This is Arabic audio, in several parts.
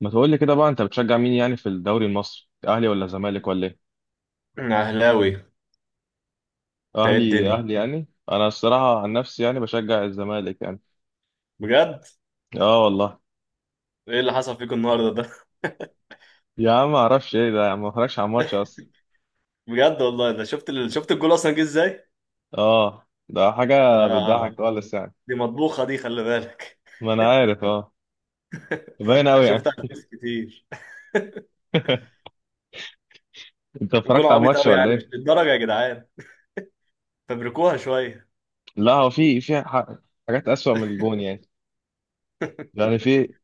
ما تقول لي كده بقى، انت بتشجع مين يعني في الدوري المصري؟ اهلي ولا زمالك ولا ايه؟ اهلاوي انت؟ ايه اهلي الدنيا؟ اهلي يعني. انا الصراحه عن نفسي يعني بشجع الزمالك يعني. بجد. اه والله. ايه اللي حصل فيكم النهارده ده؟ يا عم ما اعرفش ايه ده، يا عم ما اتفرجش على الماتش اصلا. بجد والله ده. شفت الجول اصلا جه ازاي اه ده ده؟ حاجه بتضحك خالص يعني. دي مطبوخه دي، خلي بالك. ما انا عارف اه. باين قوي يعني. شفتها على الفيس كتير. انت جول اتفرجت على عبيط الماتش قوي ولا يعني، مش ايه؟ للدرجه يا جدعان، فبركوها شويه. لا، هو حاجات اسوأ من الجون يعني. يعني في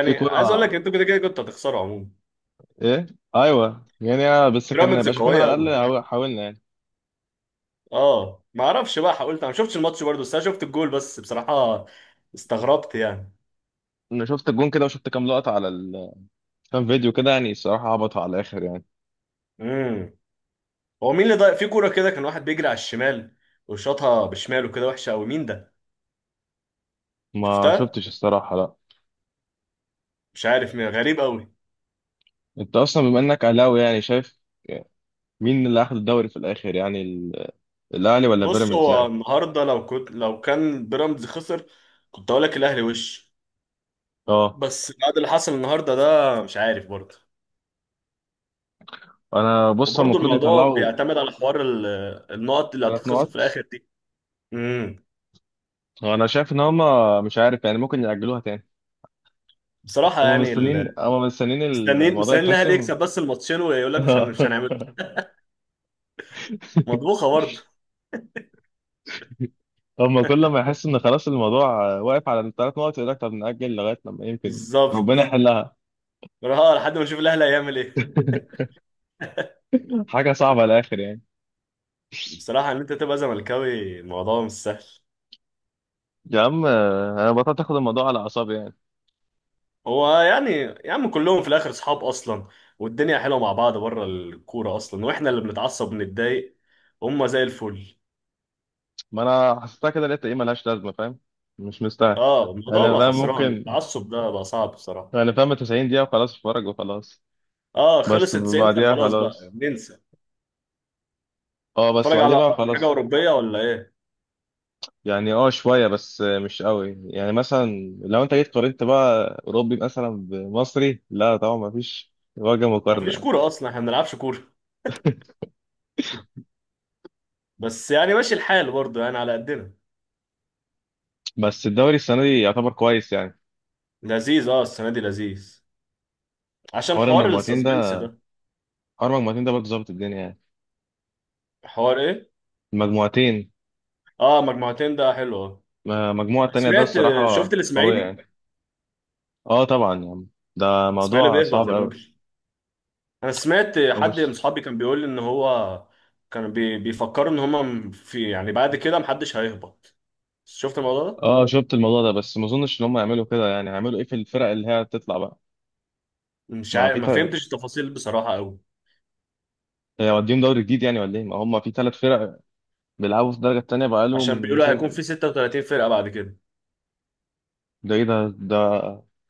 في عايز اقول لك، كرة. انتوا كده كده كنتوا هتخسروا عموما، ايه. ايوه يعني. بس كان بيراميدز يبقى شايفين قويه على قوي. الاقل حاولنا يعني. اه ما اعرفش بقى، قلت انا ما شفتش الماتش برضه، بس انا شفت الجول بس بصراحه، استغربت يعني. انا شفت الجون كده وشفت كام لقطه على ال، كان فيديو كده يعني. الصراحة عبط على الآخر يعني. امم هو مين اللي ضايق في كوره كده؟ كان واحد بيجري على الشمال وشاطها بشماله كده، وحشه قوي، مين ده؟ ما شفتها؟ شفتش الصراحة، لا. مش عارف مين، غريب قوي. أنت أصلا بما إنك أهلاوي، يعني شايف مين اللي أخد الدوري في الآخر يعني؟ الأهلي ولا بص، بيراميدز هو يعني؟ النهارده، لو كان بيراميدز خسر كنت اقول لك الاهلي وش، أه. بس بعد اللي حصل النهارده ده مش عارف برضه. أنا بص، هما وبرضه المفروض الموضوع يطلعوا بيعتمد على حوار النقط اللي ثلاث هتتخصم في نقط. الاخر دي. امم أنا شايف إن هما مش عارف يعني، ممكن يأجلوها تاني. بصراحه هما يعني مستنيين هما مستنيين مستنيين الموضوع مستنيين الاهلي يتحسم. يكسب بس الماتشين، ويقول لك مش هنعمله. مطبوخه برضه. هما كل ما يحس إن خلاص الموضوع واقف على الثلاث نقط، يقول لك طب نأجل لغاية لما يمكن بالظبط. ربنا يحلها. اه لحد ما نشوف الاهلي هيعمل ايه. حاجة صعبة على الآخر يعني. بصراحه ان انت تبقى زملكاوي الموضوع مش سهل. يا عم انا بطلت اخد الموضوع على اعصابي يعني. هو يعني، يا عم كلهم في الاخر اصحاب اصلا، والدنيا حلوه مع بعض بره الكوره اصلا، واحنا اللي بنتعصب بنتضايق. هم زي الفل. ما انا حسيتها كده، لقيت ايه ملهاش لازمه، فاهم؟ مش مستاهل. اه الموضوع انا بقى فاهم خسران، ممكن. التعصب ده بقى صعب بصراحه. انا فاهم 90 دقيقه وخلاص، اتفرج وخلاص. اه خلص بس 90 دقيقه بعديها خلاص، بقى خلاص. ننسى. اه بس نتفرج بعديها على بقى حاجه خلاص. اوروبيه ولا ايه؟ يعني اه شويه، بس مش قوي يعني. مثلا لو انت جيت قارنت بقى اوروبي مثلا بمصري، لا طبعا ما فيش وجه مقارنه مفيش يعني. كوره اصلا، احنا ما بنلعبش كوره. بس يعني ماشي الحال برضه يعني على قدنا. بس الدوري السنه دي يعتبر كويس يعني. لذيذ، اه السنه دي لذيذ، عشان حوار حوار المجموعتين ده، السسبنس ده. حوار المجموعتين ده برضه ظابط الدنيا يعني. حوار ايه؟ المجموعتين. اه، مجموعتين ده حلو اه. المجموعه التانيه ده سمعت؟ شفت الصراحه قويه الاسماعيلي؟ يعني. اه طبعا يا عم، ده الاسماعيلي موضوع بيهبط صعب يا قوي. راجل. انا سمعت او حد من مش. اصحابي كان بيقول لي ان هو بيفكروا ان هم في يعني بعد كده محدش هيهبط. شفت الموضوع ده؟ اه شفت الموضوع ده، بس ما اظنش ان هم يعملوا كده يعني. هيعملوا ايه في الفرق اللي هي هتطلع بقى؟ مش ما عارف، في ما فرق. فهمتش التفاصيل بصراحة قوي. هي وديهم دوري جديد يعني ولا ايه؟ ما هم في ثلاث فرق بيلعبوا في الدرجه الثانيه بقى عشان لهم. بيقولوا هيكون في 36 فرقة بعد كده. ده ايه ده؟ ده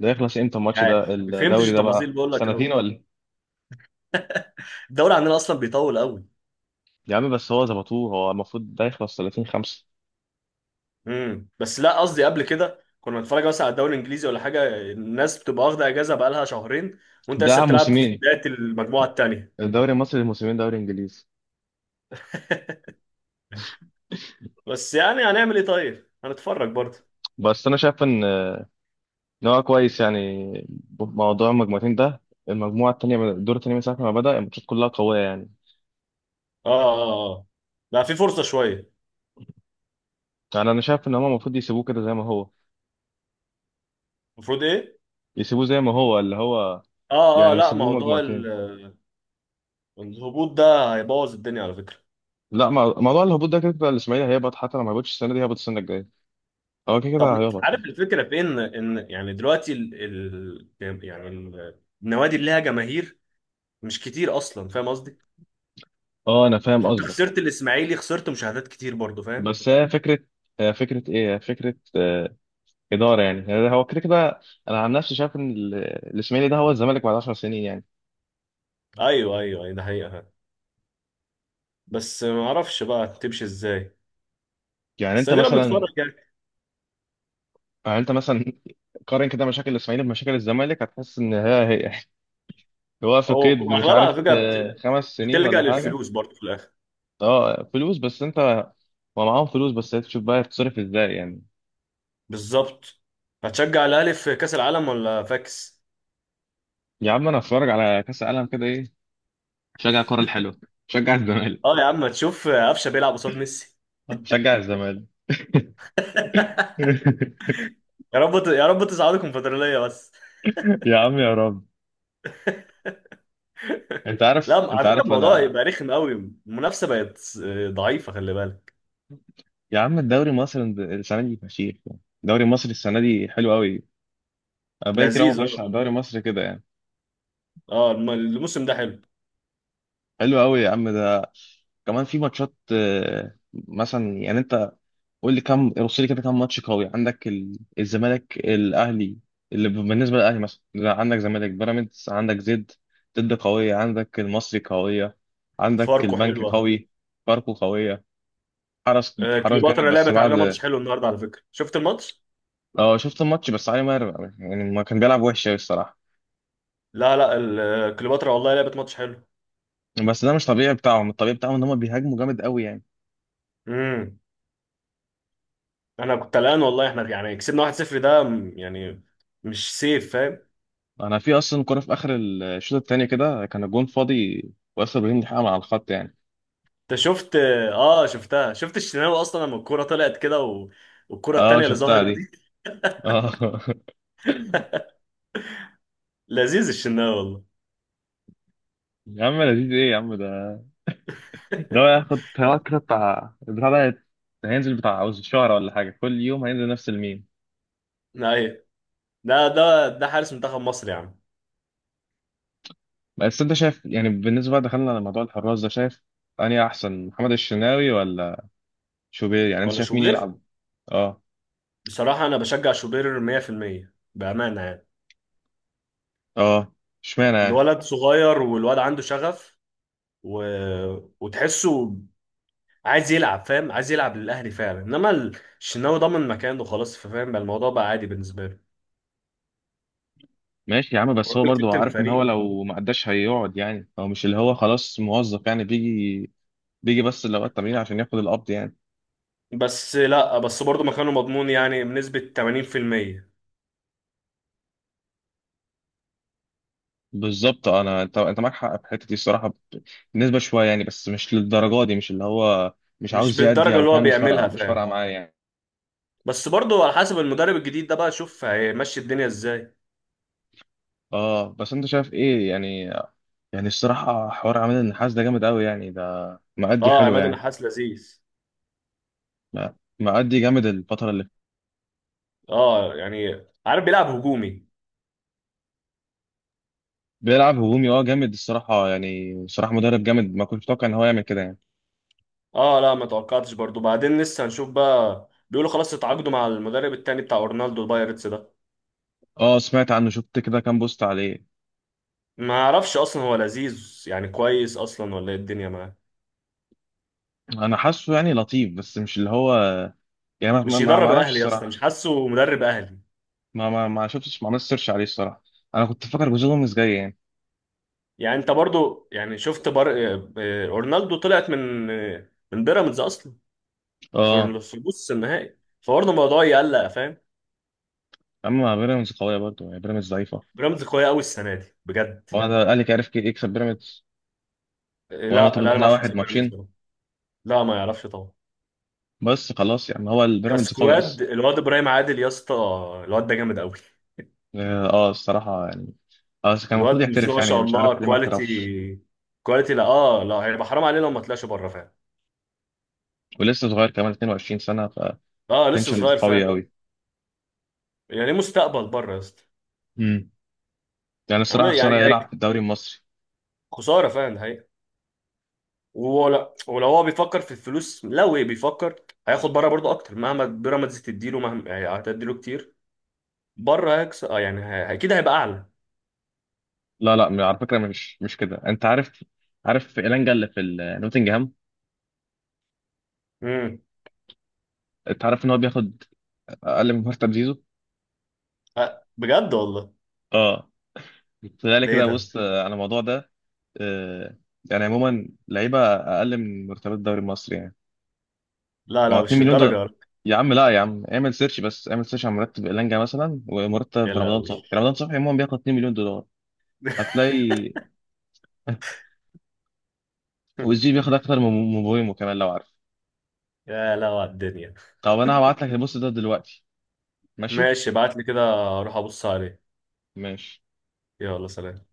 ده يخلص امتى مش الماتش عارف، ده؟ ما فهمتش الدوري ده التفاصيل بقى بقول لك سنتين قوي، ولا إيه؟ الدوري عندنا اصلا بيطول قوي. يا عم بس هو ظبطوه، هو المفروض ده يخلص 30 5. بس لا، قصدي قبل كده كنا بنتفرج مثلا على الدوري الانجليزي ولا حاجة، الناس بتبقى واخدة اجازة بقالها شهرين، وانت لسه بتاع بتلعب في موسمين. بداية المجموعة التانية. الدوري المصري موسمين دوري انجليزي. بس يعني هنعمل ايه؟ طيب هنتفرج برضه. بس انا شايف ان هو كويس يعني، موضوع المجموعتين ده. المجموعة التانية الدور التاني من ساعة ما بدأ، الماتشات كلها قوية يعني. اه اه اه، بقى في فرصة شوية. يعني أنا شايف إن هما المفروض يسيبوه كده زي ما هو، المفروض ايه؟ يسيبوه زي ما هو، اللي هو اه اه، يعني لا، يسيبوه موضوع مجموعتين. الهبوط ده هيبوظ الدنيا على فكرة. لا، موضوع الهبوط ده كده كده الإسماعيلي هيهبط، حتى لو ما هبطش السنة دي هيهبط السنة الجاية. هو كده كده طب هيهبط عارف يعني. الفكرة، في ان يعني دلوقتي ال ال يعني النوادي اللي لها جماهير مش كتير اصلا، فاهم قصدي؟ أه أنا فاهم فانت قصدك. خسرت الاسماعيلي، خسرت مشاهدات كتير برضو، فاهم. بس هي فكرة. هي فكرة إيه؟ هي فكرة إدارة يعني. يعني هو كده كده. أنا عن نفسي شايف إن الإسماعيلي ده هو الزمالك بعد 10 سنين يعني. ايوه، ايوه، أيوة، ده حقيقة. بس ما اعرفش بقى تمشي ازاي، يعني بس أنت ادينا مثلا. بنتفرج يعني. يعني انت مثلا قارن كده مشاكل الاسماعيلي بمشاكل الزمالك، هتحس ان هي هي. هو في او، قيد مش اغلبها على عارف فكرة خمس سنين بتلجأ ولا حاجه. للفلوس برضو في الاخر. اه فلوس، بس انت، هو معاهم فلوس، بس هي تشوف بقى هتصرف ازاي يعني. بالظبط. هتشجع الاهلي في كاس العالم ولا فاكس؟ يا عم انا هتفرج على كاس العالم كده ايه. شجع الكره الحلوه. شجع اه الزمالك. يا عم، تشوف قفشه بيلعب قصاد ميسي. شجع الزمالك. يا رب يا رب تصعدوا الكونفدراليه بس. يا عم يا رب. انت لا، عارف، انت على فكره عارف الموضوع انا. يبقى رخم قوي، المنافسه بقت ضعيفه، خلي بالك. يا عم الدوري المصري السنه دي فشيخ يعني. الدوري المصري السنه دي حلو قوي. انا بقالي كتير أوي ما لذيذ اتفرجش اه. على الدوري المصري كده يعني. اه الموسم ده حلو. حلو قوي يا عم ده. كمان في ماتشات مثلا. يعني انت قول لي، كم رص لي كده كم ماتش قوي عندك. الزمالك الاهلي اللي بالنسبه للاهلي مثلا، لا، عندك زمالك بيراميدز، عندك زد ضد قويه، عندك المصري قويه، عندك فاركو البنك حلوه. قوي. فاركو قويه. حرس حرس جامد كليوباترا بس لعبت علينا ماتش بعد. حلو النهارده، على فكره شفت الماتش؟ اه شفت الماتش، بس علي ماهر يعني ما كان بيلعب وحش قوي الصراحه. لا لا، كليوباترا والله لعبت ماتش حلو. بس ده مش طبيعي بتاعهم. الطبيعي بتاعهم ان هم بيهاجموا جامد قوي يعني. امم انا كنت قلقان والله، احنا يعني كسبنا 1-0 ده يعني مش سيف، فاهم؟ انا في اصلا كرة في اخر الشوط الثاني كده كان الجون فاضي، واسر ابراهيم لحقها من على الخط يعني. انت شفت؟ اه شفتها، شفت الشناوي اصلا لما الكوره طلعت كده والكوره اه التانيه اللي شفتها ظهرت دي. دي. اه. لذيذ الشناوي. يا عم لذيذ ايه يا عم ده؟ ده هو ياخد هيقعد كده بتاع البتاع ده، هينزل بتاع عاوز شهر ولا حاجة كل يوم هينزل نفس الميم. والله ايوه، ده حارس منتخب مصر يا عم. بس انت شايف يعني، بالنسبة بقى دخلنا على موضوع الحراس ده، شايف اني احسن محمد الشناوي ولا شوبير؟ يعني انت ولا شايف مين شوبير؟ يلعب؟ اه. بصراحه انا بشجع شوبير 100% بامانه يعني. اه. اشمعنى يعني؟ الولد صغير، والولد عنده شغف و... وتحسه عايز يلعب، فاهم؟ عايز يلعب للاهلي فعلا، انما الشناوي ضمن مكانه خلاص، فاهم؟ بقى الموضوع بقى عادي بالنسبه له، ماشي يا عم، بس هو الراجل برضه كابتن عارف ان هو فريق. لو ما قداش هيقعد يعني. هو مش اللي هو خلاص موظف يعني بيجي، بيجي بس الاوقات التمرين عشان ياخد القبض يعني. بس لا بس برضه مكانه مضمون يعني بنسبه 80%، بالظبط. انا انت، انت معاك حق في الحته دي الصراحه، بالنسبه شويه يعني، بس مش للدرجه دي. مش اللي هو مش مش عاوز يأدي بالدرجة او اللي هو فاهم. مش فارقه بيعملها مش فارقه فعلا، معايا يعني. بس برضه على حسب المدرب الجديد ده بقى، شوف هيمشي الدنيا ازاي. اه بس انت شايف ايه يعني؟ يعني الصراحه حوار عماد النحاس ده جامد قوي يعني. ده مأدي اه حلو عماد يعني. النحاس لذيذ. م- مأدي جامد الفتره اللي. اه يعني عارف، بيلعب هجومي. بيلعب هجومي، اه جامد الصراحه يعني. صراحه مدرب جامد، ما كنتش متوقع ان هو يعمل كده يعني. اه لا ما توقعتش برضه، بعدين لسه هنشوف بقى، بيقولوا خلاص اتعاقدوا مع المدرب التاني بتاع اورنالدو البايرتس ده. اه سمعت عنه، شفت كده كام بوست عليه. ما اعرفش اصلا هو لذيذ يعني كويس اصلا ولا ايه الدنيا معاه. انا حاسه يعني لطيف، بس مش اللي هو يعني. ما ما مش ما ما يدرب اعرفش اهلي يا اسطى، مش الصراحه. حاسه مدرب اهلي. ما شفتش ما عملتش سيرش عليه الصراحه. انا كنت فاكر جوزيه جوميز جاي يعني. يعني انت برضه يعني شفت بر... آه، آه، اورنالدو طلعت من من بيراميدز اصلا اه. في نص النهائي، فبرضه الموضوع يقلق، فاهم؟ اما بيراميدز قويه برضه يعني، بيراميدز ضعيفه. بيراميدز قويه قوي السنه دي بجد. هو انا الاهلي كان عارف يكسب بيراميدز، لا وهو لا، مطرود انا ما منها اعرفش واحد يكسب بيراميدز ماتشين. طبعاً. لا ما يعرفش طبعا. بس خلاص يعني، هو البيراميدز قوي كسكواد اصلا. الواد ابراهيم عادل يا اسطى، الواد ده جامد قوي. اه الصراحه يعني. اه كان الواد المفروض بسم الله يحترف ما يعني، شاء مش الله، عارف ليه ما احترفش. كواليتي. كواليتي، لا اه، لا هيبقى حرام عليه لو ما طلعش بره، فاهم. ولسه صغير كمان 22 سنه. اه لسه فتنشن صغير، قوي فاهم. قوي. يعني ليه مستقبل بره يا اسطى. امم. يعني الصراحه عامل يعني خساره يلعب في هيك. الدوري المصري. خساره، فاهم، ده حقيقة. ولا ولو هو بيفكر في الفلوس لو إيه بيفكر، هياخد بره برضه اكتر، مهما بيراميدز تديله، مهما يعني هتديله كتير، بره هيكسب اه يعني اكيد هيبقى اعلى. لا لا، على فكره مش مش كده، انت عارف. عارف إيلانجا اللي في نوتنجهام؟ امم انت عارف ان هو بياخد اقل من مرتب زيزو؟ أه بجد والله. اه. فذلك ده ايه كده ده؟ بص على الموضوع ده. آه، يعني عموما لعيبه اقل من مرتبات الدوري المصري يعني. لا ما هو لا 2 مش مليون الدرجه دولار. يا رب. يا عم لا، يا عم اعمل سيرش، بس اعمل سيرش على مرتب إيلانجا مثلا، يا ومرتب رمضان لهوي. صبحي. رمضان صبحي عموما بياخد 2 مليون دولار. هتلاقي. والزي بياخد اكتر من مبويمو كمان، لو عارف. يا لهوي على الدنيا. طب انا هبعت لك البوست ده دلوقتي. ماشي. ماشي، ابعت لي كده، اروح ابص عليه. ماشي. يلا سلام.